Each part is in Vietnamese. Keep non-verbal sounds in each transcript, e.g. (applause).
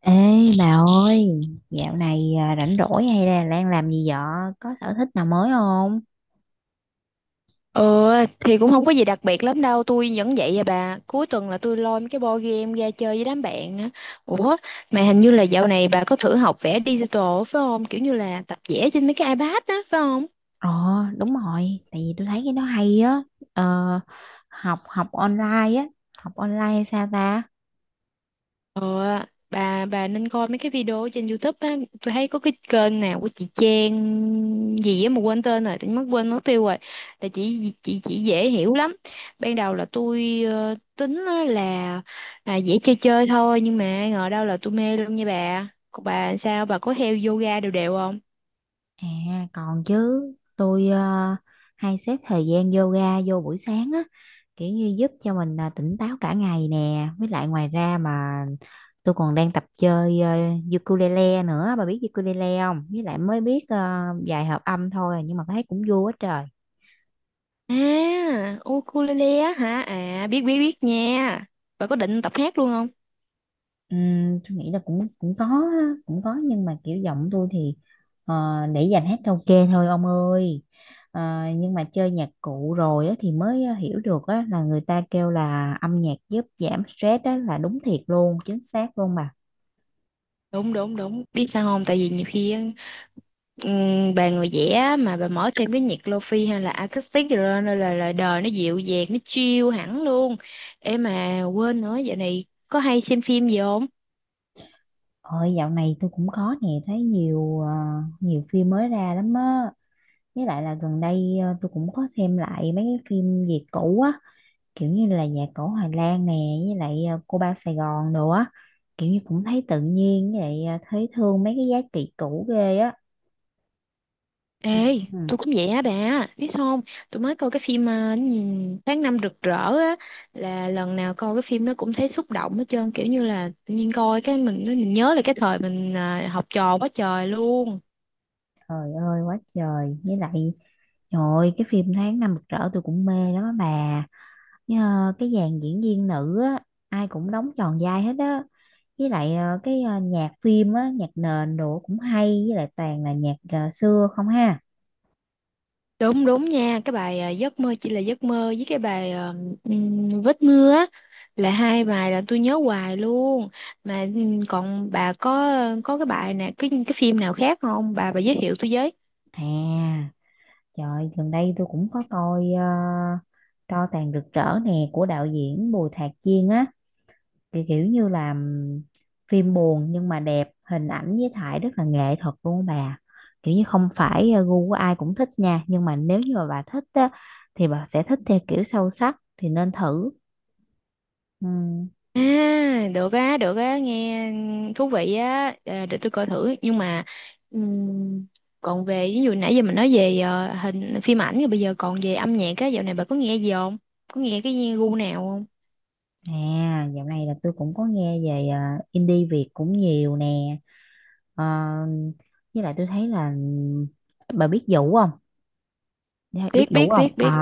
Ê bà ơi, dạo này rảnh rỗi hay là đang làm gì vợ? Có sở thích nào mới không? Ờ thì cũng không có gì đặc biệt lắm đâu. Tôi vẫn vậy à bà. Cuối tuần là tôi lôi mấy cái board game ra chơi với đám bạn á. Ủa mà hình như là dạo này bà có thử học vẽ digital á, phải không? Kiểu như là tập vẽ trên mấy cái iPad á phải không? Ờ, Đúng rồi, tại vì tôi thấy cái đó hay á. Ờ, học học online á, học online hay sao ta? Ờ, bà nên coi mấy cái video trên YouTube á, tôi thấy có cái kênh nào của chị Trang gì á mà quên tên rồi, tự nhiên mất quên mất tiêu rồi. Là chị dễ hiểu lắm. Ban đầu là tôi tính á là à, dễ chơi chơi thôi nhưng mà ai ngờ đâu là tôi mê luôn nha bà. Còn bà sao bà có theo yoga đều đều không? À, còn chứ, tôi hay xếp thời gian yoga vô buổi sáng á, kiểu như giúp cho mình tỉnh táo cả ngày nè, với lại ngoài ra mà tôi còn đang tập chơi ukulele nữa, bà biết ukulele không? Với lại mới biết vài hợp âm thôi nhưng mà thấy cũng vui quá trời. À, ukulele á hả? À biết biết biết nha. Bà có định tập hát luôn không? Tôi nghĩ là cũng cũng có á, cũng có nhưng mà kiểu giọng tôi thì ờ, để dành hát karaoke thôi ông ơi. Ờ, nhưng mà chơi nhạc cụ rồi á, thì mới hiểu được á, là người ta kêu là âm nhạc giúp giảm stress á, là đúng thiệt luôn, chính xác luôn mà. Đúng đúng đúng biết sao không, tại vì nhiều khi á, bà người vẽ mà bà mở thêm cái nhạc lofi hay là acoustic rồi lên nên là lời đời nó dịu dàng nó chill hẳn luôn. Em mà quên nữa, dạo này có hay xem phim gì không? Ôi, dạo này tôi cũng có nè, thấy nhiều nhiều phim mới ra lắm á, với lại là gần đây tôi cũng có xem lại mấy cái phim Việt cũ á, kiểu như là nhạc cổ Hoài Lan nè, với lại cô ba Sài Gòn nữa, kiểu như cũng thấy tự nhiên, với lại thấy thương mấy cái giá trị cũ ghê á. Ê, Ừ. tôi cũng vậy á bà, biết sao không, tôi mới coi cái phim nhìn tháng năm rực rỡ á, là lần nào coi cái phim nó cũng thấy xúc động hết trơn, kiểu như là tự nhiên coi cái mình nhớ là cái thời mình học trò quá trời luôn. Trời ơi, quá trời, với lại trời ơi, cái phim Tháng Năm Rực Rỡ tôi cũng mê lắm á bà, với, cái dàn diễn viên nữ á ai cũng đóng tròn vai hết á, với lại nhạc phim á, nhạc nền đồ cũng hay, với lại toàn là nhạc xưa không ha. Đúng đúng nha, cái bài giấc mơ chỉ là giấc mơ với cái bài vết mưa á là hai bài là tôi nhớ hoài luôn. Mà còn bà có cái bài nè, cái phim nào khác không? Bà giới thiệu tôi với. À trời, gần đây tôi cũng có coi Tro tàn rực rỡ nè của đạo diễn Bùi Thạc Chiên á, kiểu như là phim buồn nhưng mà đẹp, hình ảnh với thải rất là nghệ thuật luôn á bà. Kiểu như không phải gu của ai cũng thích nha, nhưng mà nếu như mà bà thích á thì bà sẽ thích theo kiểu sâu sắc, thì nên thử. Ừm, À, được á, nghe thú vị á. Ờ, để tôi coi thử. Nhưng mà ừm, còn về ví dụ nãy giờ mình nói về hình phim ảnh rồi bây giờ còn về âm nhạc á, dạo này bà có nghe gì không? Có nghe cái gu nào không? À, dạo này là tôi cũng có nghe về indie Việt cũng nhiều nè. Ờ, với lại tôi thấy là bà biết Vũ không? Dạ, biết Biết biết đủ không? biết Ờ, biết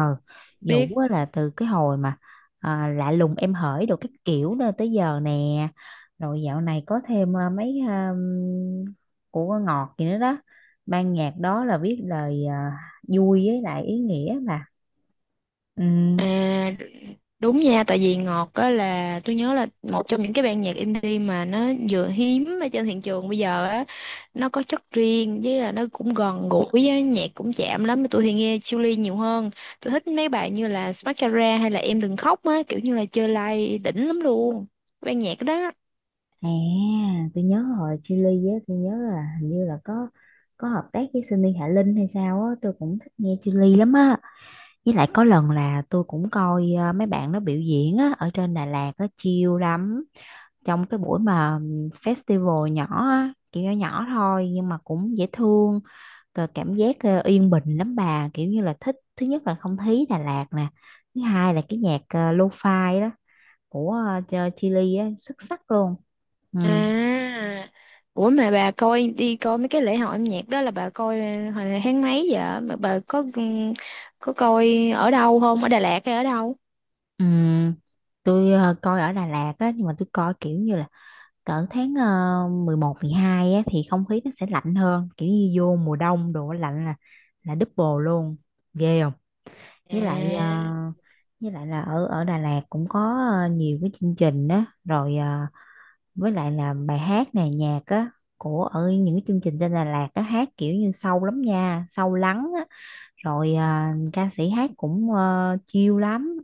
Ừ. biết. Vũ á là từ cái hồi mà à, lạ lùng em hởi đồ các kiểu nữa tới giờ nè. Rồi dạo này có thêm à, mấy à, của Ngọt gì nữa đó. Ban nhạc đó là viết lời à, vui với lại ý nghĩa mà. Ừ. À, đúng nha, tại vì Ngọt á là tôi nhớ là một trong những cái ban nhạc indie mà nó vừa hiếm ở trên thị trường bây giờ á, nó có chất riêng với là nó cũng gần gũi á, nhạc cũng chạm lắm. Tôi thì nghe Chillies nhiều hơn. Tôi thích mấy bài như là Mascara hay là Em Đừng Khóc á, kiểu như là chơi live đỉnh lắm luôn. Ban nhạc đó. À, tôi nhớ hồi Chillies á, tôi nhớ là hình như là có hợp tác với Sunny Hạ Linh hay sao á, tôi cũng thích nghe Chillies lắm á. Với lại có lần là tôi cũng coi mấy bạn nó biểu diễn á, ở trên Đà Lạt á chill lắm. Trong cái buổi mà festival nhỏ á, kiểu nhỏ nhỏ thôi nhưng mà cũng dễ thương, cờ cảm giác yên bình lắm bà, kiểu như là thích, thứ nhất là không khí Đà Lạt nè, thứ hai là cái nhạc lo-fi đó của Chillies á, xuất sắc luôn. Ừ. À, mà bà coi đi coi mấy cái lễ hội âm nhạc đó là bà coi hồi tháng mấy vậy? Mà bà có coi ở đâu không? Ở Đà Lạt hay ở đâu? Ừ. Tôi coi ở Đà Lạt á, nhưng mà tôi coi kiểu như là cỡ tháng 11, 12 á, thì không khí nó sẽ lạnh hơn, kiểu như vô mùa đông đồ lạnh là double luôn, ghê không? Với lại ờ, À. với lại là ở ở Đà Lạt cũng có nhiều cái chương trình đó rồi, với lại là bài hát này nhạc á của ở những cái chương trình trên Đà Lạt á hát kiểu như sâu lắm nha, sâu lắng rồi à, ca sĩ hát cũng chill lắm,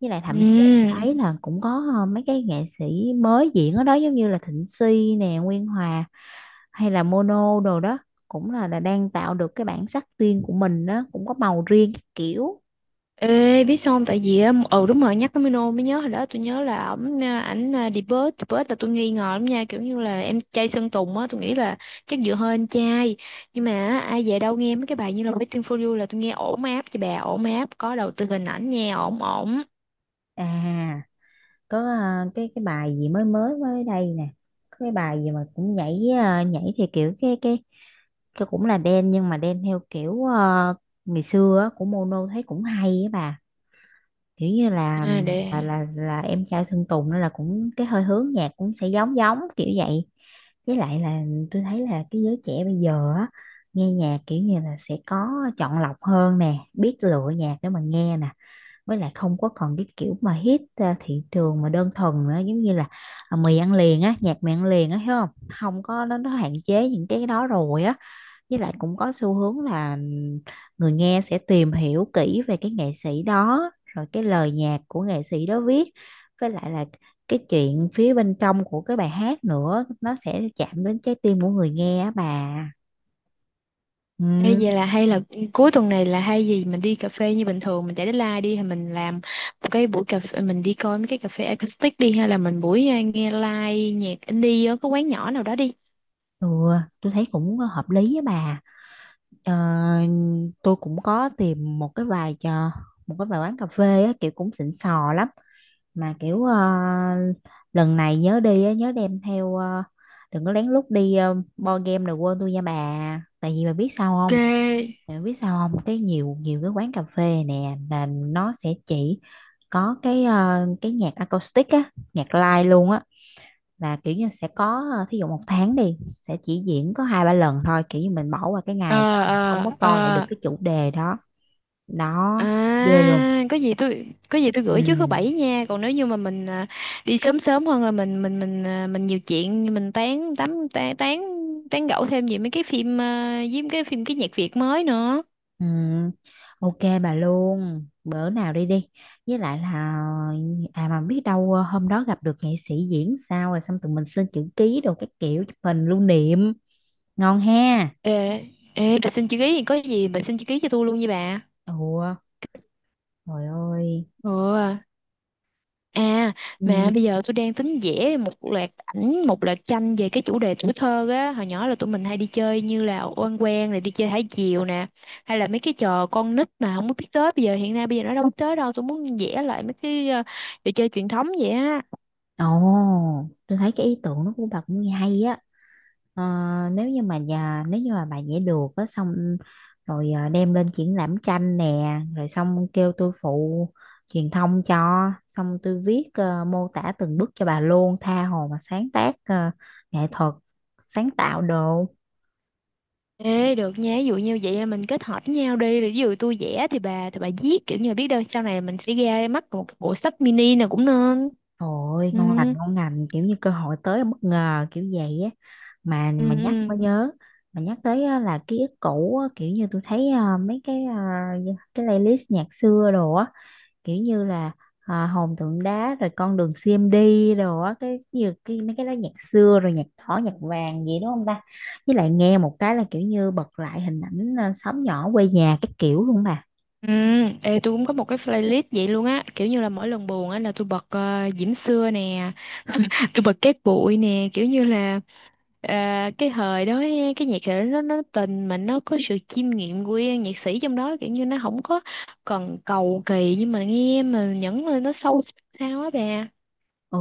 với lại thậm chí là tôi Ừ. thấy là cũng có mấy cái nghệ sĩ mới diễn ở đó, giống như là Thịnh Suy nè, Nguyên Hòa hay là Mono đồ đó, cũng là đang tạo được cái bản sắc riêng của mình đó, cũng có màu riêng các kiểu. Ê, biết sao không? Tại vì á, ừ đúng rồi, nhắc tới Mino mới nhớ hồi đó tôi nhớ là ổng à, ảnh à, debut là tôi nghi ngờ lắm nha, kiểu như là em trai Sơn Tùng á, tôi nghĩ là chắc dựa hơi anh trai. Nhưng mà á, ai về đâu nghe mấy cái bài như là Waiting for You là tôi nghe ổn áp cho bà, ổn áp có đầu tư hình ảnh nha, ổn ổn. À có cái bài gì mới mới mới đây nè, có cái bài gì mà cũng nhảy nhảy thì kiểu cái cũng là đen nhưng mà đen theo kiểu ngày xưa á, của Mono thấy cũng hay á bà, kiểu như là À, và để là em trai Sơn Tùng nên là cũng cái hơi hướng nhạc cũng sẽ giống giống kiểu vậy, với lại là tôi thấy là cái giới trẻ bây giờ á nghe nhạc kiểu như là sẽ có chọn lọc hơn nè, biết lựa nhạc để mà nghe nè, với lại không có còn cái kiểu mà hit thị trường mà đơn thuần nữa, giống như là à, mì ăn liền á, nhạc mì ăn liền á, hiểu không, không có, nó hạn chế những cái đó rồi á, với lại cũng có xu hướng là người nghe sẽ tìm hiểu kỹ về cái nghệ sĩ đó rồi cái lời nhạc của nghệ sĩ đó viết, với lại là cái chuyện phía bên trong của cái bài hát nữa, nó sẽ chạm đến trái tim của người nghe á bà. ê, Ừ, vậy là hay là cuối tuần này là hay gì mình đi cà phê như bình thường mình chạy deadline đi thì mình làm một cái buổi cà phê mình đi coi mấy cái cà phê acoustic đi hay là mình buổi à, nghe live nhạc indie ở cái quán nhỏ nào đó đi. ừ, tôi thấy cũng hợp lý á bà. Ờ, tôi cũng có tìm một cái vài quán cà phê á, kiểu cũng xịn sò lắm, mà kiểu lần này nhớ đi á, nhớ đem theo đừng có lén lút đi board game rồi quên tôi nha bà, tại vì bà biết sao không, Ok. tại vì biết sao không, cái nhiều nhiều cái quán cà phê nè là nó sẽ chỉ có cái cái nhạc acoustic á, nhạc live luôn á, là kiểu như sẽ có thí dụ một tháng đi sẽ chỉ diễn có hai ba lần thôi, kiểu như mình bỏ qua cái ờ ngày đó mình không ờ có coi lại được ờ cái chủ đề đó. Đó, ghê luôn. có gì tôi có gì tôi Ừ. gửi trước thứ bảy nha, còn nếu như mà mình à, đi sớm sớm hơn là mình à, mình nhiều chuyện mình tán tán tán tán tán gẫu thêm về mấy cái phim à, với mấy cái phim cái nhạc Việt mới nữa. Ừ, ok bà luôn, bữa nào đi đi, với lại là à mà biết đâu hôm đó gặp được nghệ sĩ diễn sao rồi xong tụi mình xin chữ ký đồ các kiểu, chụp hình lưu niệm, ngon ha. Ê, Ê, bà (laughs) xin chữ ký thì có gì bà xin chữ ký cho tôi luôn nha bà. Ủa trời ơi. Ừ. À, mà Ừ. bây giờ tôi đang tính vẽ một loạt ảnh, một loạt tranh về cái chủ đề tuổi thơ á. Hồi nhỏ là tụi mình hay đi chơi như là oan quen rồi đi chơi thả diều nè, hay là mấy cái trò con nít mà không có biết tới bây giờ hiện nay bây giờ nó đâu biết tới đâu. Tôi muốn vẽ lại mấy cái trò chơi truyền thống vậy á. Ồ, tôi thấy cái ý tưởng đó của bà cũng hay á. Ờ, Nếu như mà bà vẽ được á, xong rồi đem lên triển lãm tranh nè, rồi xong kêu tôi phụ truyền thông cho, xong tôi viết mô tả từng bước cho bà luôn, tha hồ mà sáng tác nghệ thuật, sáng tạo đồ. Ê, được nha, ví dụ như vậy là mình kết hợp với nhau đi, rồi ví dụ tôi vẽ thì bà viết kiểu như là biết đâu sau này mình sẽ ra mắt một cái bộ sách mini nào cũng nên. Ôi Ừ, ngon lành, ngon lành, kiểu như cơ hội tới bất ngờ kiểu vậy á. mà mà nhắc ừ. mới nhớ, mà nhắc tới á, là ký ức cũ á, kiểu như tôi thấy mấy cái cái playlist nhạc xưa đồ á, kiểu như là à, hồn tượng đá rồi con đường CMD đồ á, cái như cái mấy cái đó, nhạc xưa rồi nhạc đỏ nhạc vàng gì đúng không ta, với lại nghe một cái là kiểu như bật lại hình ảnh à, xóm nhỏ quê nhà cái kiểu luôn bà. Ừ, ê, tôi cũng có một cái playlist vậy luôn á, kiểu như là mỗi lần buồn á là tôi bật Diễm Xưa nè, (laughs) tôi bật Cát Bụi nè, kiểu như là ờ, cái thời đó á, cái nhạc đó nó tình mà nó có sự chiêm nghiệm của nhạc sĩ trong đó kiểu như nó không có còn cầu kỳ nhưng mà nghe mà nhẫn lên nó sâu sắc sao á bà. Ừ,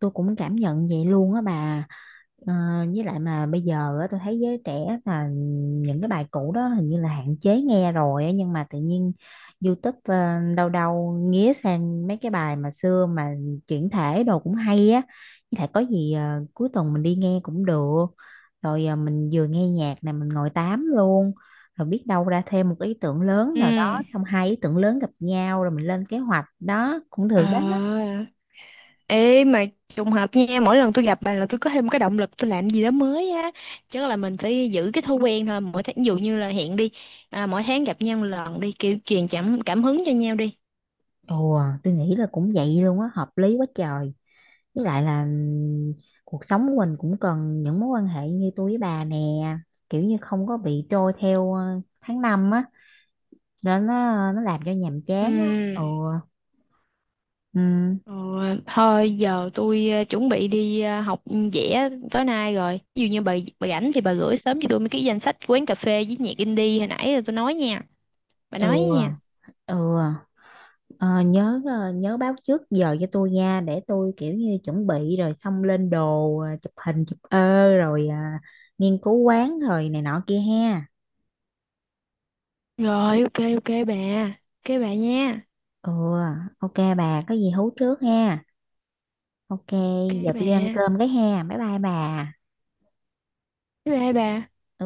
tôi cũng cảm nhận vậy luôn á bà. Ờ, với lại mà bây giờ á, tôi thấy giới trẻ là những cái bài cũ đó hình như là hạn chế nghe rồi á, nhưng mà tự nhiên YouTube đâu đâu nghía sang mấy cái bài mà xưa mà chuyển thể đồ cũng hay á, với lại có gì cuối tuần mình đi nghe cũng được, rồi mình vừa nghe nhạc này mình ngồi tám luôn, rồi biết đâu ra thêm một ý tưởng lớn Ừ. nào đó, xong hai ý tưởng lớn gặp nhau rồi mình lên kế hoạch đó cũng được đó. À, ê mà trùng hợp nha, mỗi lần tôi gặp bà là tôi có thêm cái động lực tôi làm gì đó mới á. Chắc là mình phải giữ cái thói quen thôi, mỗi tháng ví dụ như là hẹn đi, à, mỗi tháng gặp nhau một lần đi, kiểu truyền cảm cảm hứng cho nhau đi. Ồ, à, tôi nghĩ là cũng vậy luôn á, hợp lý quá trời. Với lại là cuộc sống của mình cũng cần những mối quan hệ như tôi với bà nè, kiểu như không có bị trôi theo tháng năm á, nên nó làm cho nhàm Ừ, chán á. Ừ, ừm, ờ, thôi giờ tôi chuẩn bị đi học vẽ tối nay rồi. Ví dụ như bà rảnh thì bà gửi sớm cho tôi mấy cái danh sách quán cà phê với nhạc indie hồi nãy rồi tôi nói nha. Bà ừ, nói nha. ừ. Ờ, Nhớ nhớ báo trước giờ cho tôi nha, để tôi kiểu như chuẩn bị rồi xong lên đồ chụp hình chụp ơ rồi à, nghiên cứu quán rồi này nọ kia ha. Rồi ok ok bà. Ok bà nha. Ừ, ok bà, có gì hú trước ha. Ok, Ok giờ bà. tôi đi ăn cơm cái ha. Bye bye bà. Bye bye bà. Ừ.